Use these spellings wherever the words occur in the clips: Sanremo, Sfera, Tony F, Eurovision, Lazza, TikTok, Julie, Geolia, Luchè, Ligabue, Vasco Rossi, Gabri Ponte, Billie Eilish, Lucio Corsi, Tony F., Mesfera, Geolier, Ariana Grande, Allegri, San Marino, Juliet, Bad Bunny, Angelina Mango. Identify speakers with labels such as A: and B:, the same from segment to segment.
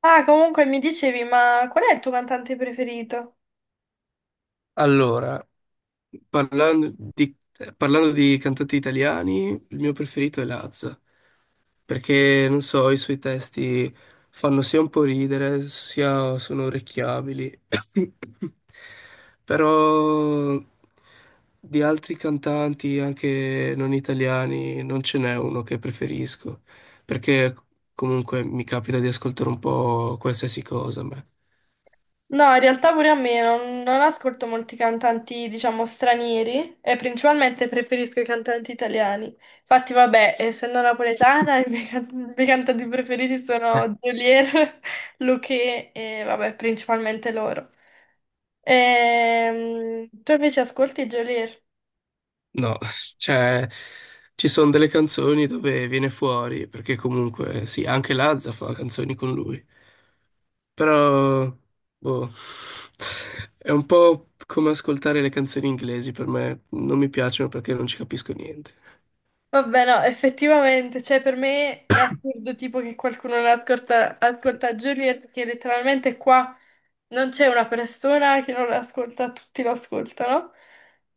A: Ah, comunque mi dicevi, ma qual è il tuo cantante preferito?
B: Allora, parlando di cantanti italiani, il mio preferito è Lazza, perché non so, i suoi testi fanno sia un po' ridere, sia sono orecchiabili. Però di altri cantanti, anche non italiani, non ce n'è uno che preferisco, perché comunque mi capita di ascoltare un po' qualsiasi cosa a me.
A: No, in realtà pure a me non ascolto molti cantanti, diciamo, stranieri e principalmente preferisco i cantanti italiani. Infatti, vabbè, essendo napoletana, i miei cantanti preferiti sono Geolier, Luchè e, vabbè, principalmente loro. Tu invece ascolti Geolier?
B: No, cioè ci sono delle canzoni dove viene fuori, perché comunque sì, anche Lazza fa canzoni con lui, però boh, è un po' come ascoltare le canzoni inglesi per me, non mi piacciono perché non ci capisco niente.
A: Vabbè, no, effettivamente, cioè per me è assurdo tipo che qualcuno non ascolta, ascolta Juliet, perché letteralmente qua non c'è una persona che non l'ascolta, tutti lo ascoltano.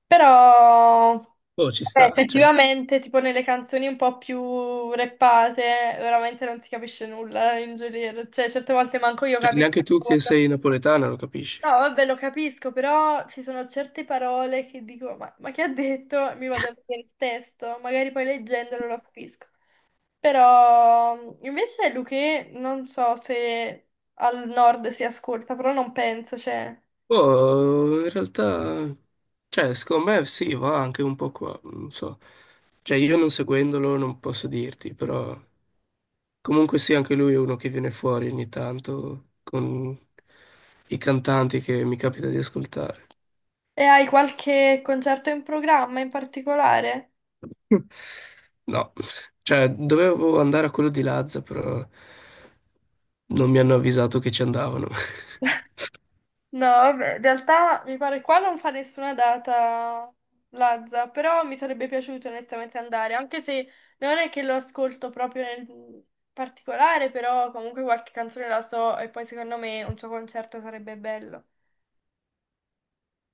A: Però,
B: Boh, ci
A: vabbè,
B: sta, cioè,
A: effettivamente, tipo nelle canzoni un po' più rappate, veramente non si capisce nulla in Juliet, cioè certe volte manco io capisco.
B: neanche tu che sei napoletana lo capisci.
A: No, vabbè, lo capisco, però ci sono certe parole che dico, ma che ha detto? Mi vado a vedere il testo, magari poi leggendolo lo capisco. Però invece Luché, non so se al nord si ascolta, però non penso, cioè.
B: Boh, in realtà, cioè, secondo me sì, va anche un po' qua, non so. Cioè, io non seguendolo non posso dirti, però... Comunque sì, anche lui è uno che viene fuori ogni tanto con i cantanti che mi capita di ascoltare.
A: E hai qualche concerto in programma in particolare?
B: No, cioè dovevo andare a quello di Lazza, però non mi hanno avvisato che ci andavano.
A: No, vabbè, in realtà mi pare qua non fa nessuna data Lazza, però mi sarebbe piaciuto onestamente andare, anche se non è che lo ascolto proprio nel particolare, però comunque qualche canzone la so e poi secondo me un suo concerto sarebbe bello.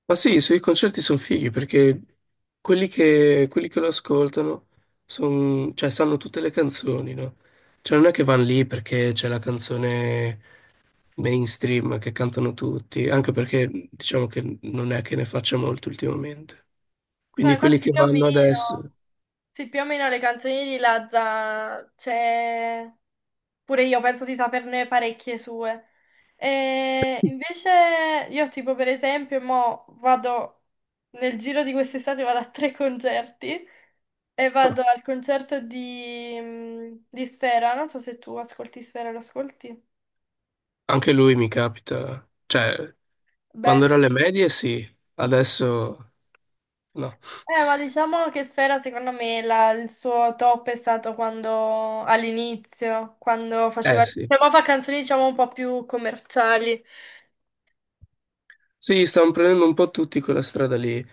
B: Ma sì, i suoi concerti sono fighi perché quelli che lo ascoltano cioè, sanno tutte le canzoni, no? Cioè non è che vanno lì perché c'è la canzone mainstream che cantano tutti, anche perché diciamo che non è che ne faccia molto ultimamente.
A: No,
B: Quindi quelli
A: infatti
B: che
A: più o
B: vanno adesso,
A: meno, sì, più o meno le canzoni di Lazza c'è. Pure io penso di saperne parecchie sue. E invece io tipo per esempio mo vado, nel giro di quest'estate vado a tre concerti e
B: ah,
A: vado al concerto di Sfera, non so se tu ascolti Sfera, lo ascolti?
B: anche lui mi capita, cioè
A: Beh,
B: quando ero alle medie sì, adesso no.
A: ma diciamo che Sfera secondo me il suo top è stato quando all'inizio, quando faceva,
B: Eh sì.
A: cioè, mo fa canzoni diciamo un po' più commerciali.
B: Sì, stanno prendendo un po' tutti quella strada lì,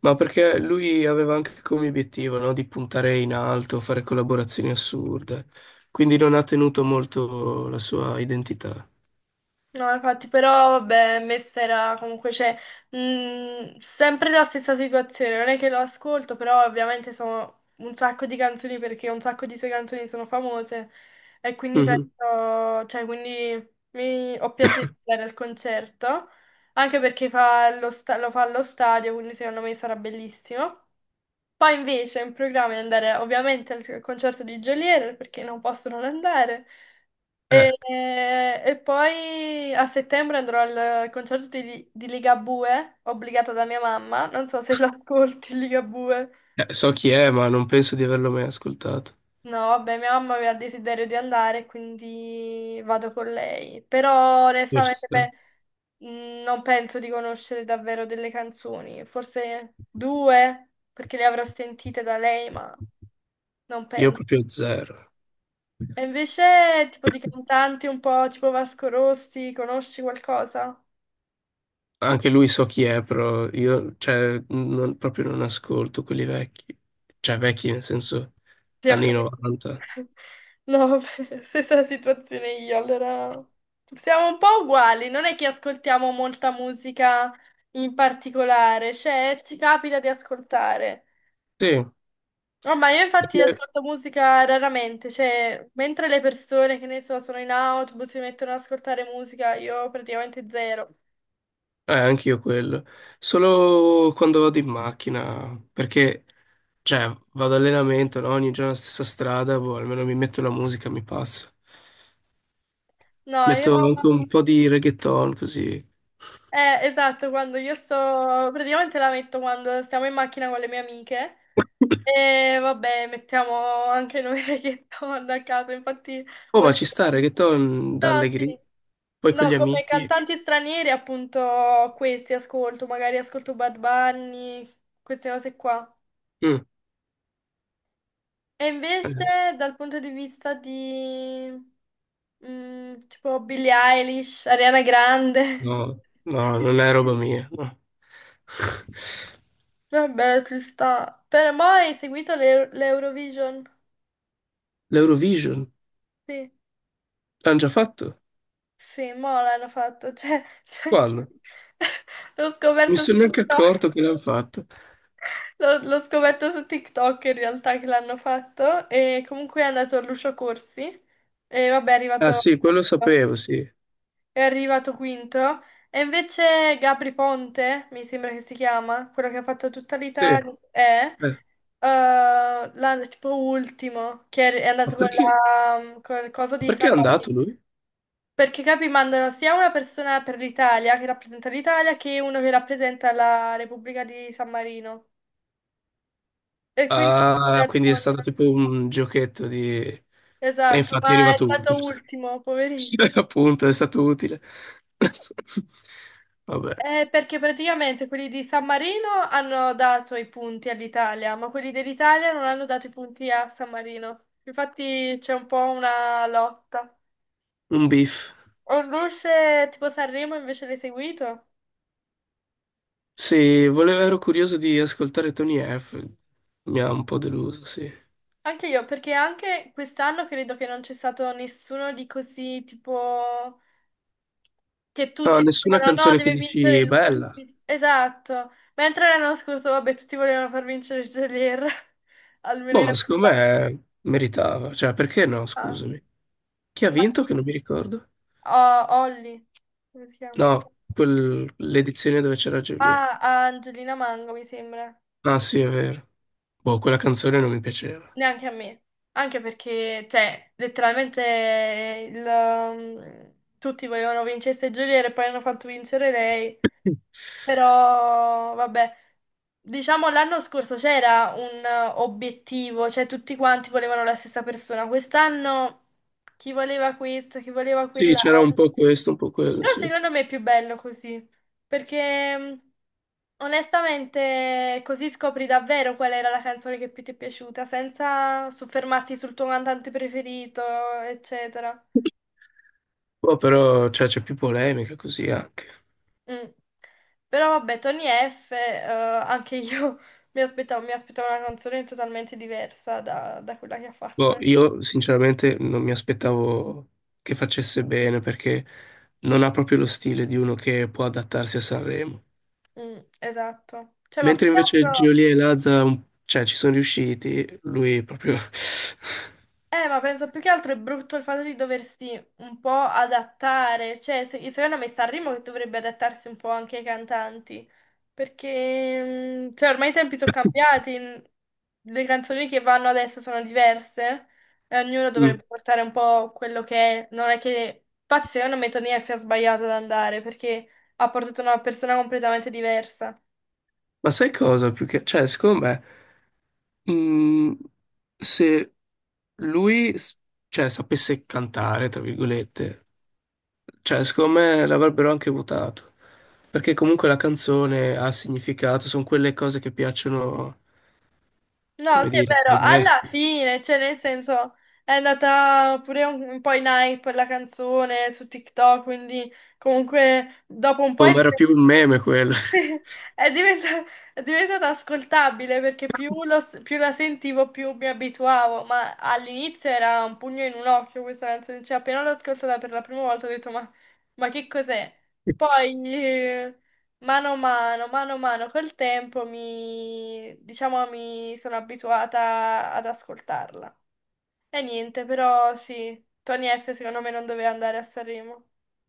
B: ma perché lui aveva anche come obiettivo, no, di puntare in alto, fare collaborazioni assurde, quindi non ha tenuto molto la sua identità.
A: No, infatti, però, vabbè, Mesfera comunque c'è sempre la stessa situazione, non è che lo ascolto, però ovviamente sono un sacco di canzoni perché un sacco di sue canzoni sono famose e quindi
B: Mhm.
A: penso, cioè, quindi ho piacere di andare al concerto, anche perché lo fa allo stadio, quindi secondo me sarà bellissimo. Poi invece ho in programma di andare ovviamente al concerto di Geolier perché non posso non andare.
B: Eh,
A: E, e poi a settembre andrò al concerto di Ligabue, obbligata da mia mamma. Non so se l'ascolti, Ligabue.
B: So chi è, ma non penso di averlo mai ascoltato.
A: No, vabbè, mia mamma aveva il desiderio di andare, quindi vado con lei. Però
B: Forse.
A: onestamente beh, non penso di conoscere davvero delle canzoni. Forse due, perché le avrò sentite da lei, ma non
B: Io
A: penso.
B: proprio zero.
A: E invece, tipo di cantanti un po' tipo Vasco Rossi, conosci qualcosa?
B: Anche lui so chi è, però io cioè, proprio non ascolto quelli vecchi. Cioè vecchi nel senso
A: Sì, ho
B: anni
A: capito.
B: 90.
A: No, vabbè, stessa situazione io, allora siamo un po' uguali, non è che ascoltiamo molta musica in particolare, cioè ci capita di ascoltare.
B: Sì,
A: Ormai io infatti ascolto musica raramente, cioè mentre le persone che ne so sono in autobus si mettono ad ascoltare musica, io praticamente zero.
B: anch'io quello. Solo quando vado in macchina, perché cioè, vado allenamento, no? Ogni giorno la stessa strada, boh, almeno mi metto la musica, mi passa.
A: No,
B: Metto
A: io...
B: anche un po' di reggaeton così.
A: Esatto, quando io sto... praticamente la metto quando stiamo in macchina con le mie amiche. E vabbè, mettiamo anche noi reggaeton a caso, infatti
B: Oh, ma
A: volevo...
B: ci stare, che torni da
A: No, sì.
B: Allegri, poi con
A: No,
B: gli
A: come
B: amici.
A: cantanti stranieri appunto questi ascolto, magari ascolto Bad Bunny, queste cose qua.
B: Mm,
A: E invece
B: eh,
A: dal punto di vista di tipo Billie Eilish, Ariana Grande,
B: no, no, non è roba mia, no.
A: vabbè ci sta. Però mai hai seguito l'Eurovision?
B: L'Eurovision
A: Sì.
B: l'hanno già fatto?
A: Sì, mo l'hanno fatto, cioè,
B: Quando? Non
A: l'ho
B: mi
A: scoperto su
B: sono neanche
A: TikTok,
B: accorto che l'hanno fatto.
A: l'ho scoperto su TikTok in realtà che l'hanno fatto e comunque è andato Lucio Corsi e vabbè
B: Ah sì, quello sapevo, sì.
A: è arrivato quinto. E invece Gabri Ponte, mi sembra che si chiama, quello che ha fatto tutta
B: Sì,
A: l'Italia, è tipo ultimo, che è
B: ma
A: andato con
B: perché,
A: con il coso
B: ma
A: di
B: perché è
A: San Marino.
B: andato lui?
A: Perché capi, mandano sia una persona per l'Italia che rappresenta l'Italia che uno che rappresenta la Repubblica di San Marino. E quindi
B: Ah, quindi è stato tipo un giochetto di... E
A: esatto,
B: infatti è
A: ma è
B: arrivato
A: stato
B: utile.
A: ultimo,
B: Sì,
A: poverino.
B: appunto, è stato utile. Vabbè,
A: Perché praticamente quelli di San Marino hanno dato i punti all'Italia, ma quelli dell'Italia non hanno dato i punti a San Marino. Infatti c'è un po' una lotta.
B: un beef.
A: Orluce tipo Sanremo invece l'hai seguito?
B: Sì, volevo, ero curioso di ascoltare Tony F. Mi ha un po' deluso, sì.
A: Anche io, perché anche quest'anno credo che non c'è stato nessuno di così, tipo, che
B: No,
A: tutti
B: nessuna
A: dicevano no,
B: canzone che
A: deve vincere
B: dici bella.
A: lui. Esatto. Mentre l'anno scorso, vabbè, tutti volevano far vincere Gelir, almeno
B: Boh,
A: in
B: ma secondo
A: questa.
B: me meritava. Cioè, perché no,
A: Ah,
B: scusami. Chi ha
A: ma
B: vinto
A: sì,
B: che non mi ricordo?
A: oh, Olli, come si chiama?
B: No, l'edizione dove c'era Julie.
A: Ah, a Angelina Mango, mi sembra.
B: Ah, sì, è vero. Boh, quella canzone non mi piaceva.
A: Neanche a me. Anche perché, cioè, letteralmente tutti volevano vincesse Gelir e poi hanno fatto vincere lei.
B: Mm.
A: Però, vabbè, diciamo l'anno scorso c'era un obiettivo, cioè tutti quanti volevano la stessa persona. Quest'anno chi voleva questo, chi voleva
B: Sì, c'era
A: quell'altro.
B: un po' questo, un po' quello,
A: Però
B: sì.
A: secondo me è più bello così, perché onestamente così scopri davvero qual era la canzone che più ti è piaciuta, senza soffermarti sul tuo cantante preferito, eccetera.
B: Boh, però, cioè, c'è più polemica così anche.
A: Mm. Però vabbè, Tony F, anche io mi aspettavo una canzone totalmente diversa da quella che ha fatto.
B: Boh, io sinceramente non mi aspettavo che facesse bene perché non ha proprio lo stile di uno che può adattarsi a Sanremo.
A: Mm, esatto. Cioè, ma più
B: Mentre
A: che
B: invece
A: altro...
B: Geolia e Lazza, cioè, ci sono riusciti, lui proprio...
A: Ma penso più che altro è brutto il fatto di doversi un po' adattare, cioè se, secondo me Sanremo che dovrebbe adattarsi un po' anche ai cantanti, perché cioè, ormai i tempi sono cambiati, le canzoni che vanno adesso sono diverse e ognuno
B: Mm.
A: dovrebbe portare un po' quello che è, non è che... Infatti secondo me Tonia si è sbagliato ad andare perché ha portato una persona completamente diversa.
B: Ma sai cosa? Più che... Cioè, secondo me, mm, se lui, s- cioè, sapesse cantare, tra virgolette, cioè, secondo me l'avrebbero anche votato, perché comunque la canzone ha significato, sono quelle cose che piacciono,
A: No,
B: come
A: sì, è
B: dire,
A: vero,
B: ai
A: alla
B: vecchi.
A: fine, cioè nel senso, è andata pure un po' in hype la canzone su TikTok, quindi comunque dopo un po' è
B: Come era
A: diventata
B: più un meme quello.
A: È diventa- è diventata ascoltabile perché più la sentivo più mi abituavo, ma all'inizio era un pugno in un occhio questa canzone, cioè appena l'ho ascoltata per la prima volta ho detto ma che cos'è? Poi mano a mano col tempo diciamo, mi sono abituata ad ascoltarla. E niente, però sì, Tony F secondo me non doveva andare a Sanremo.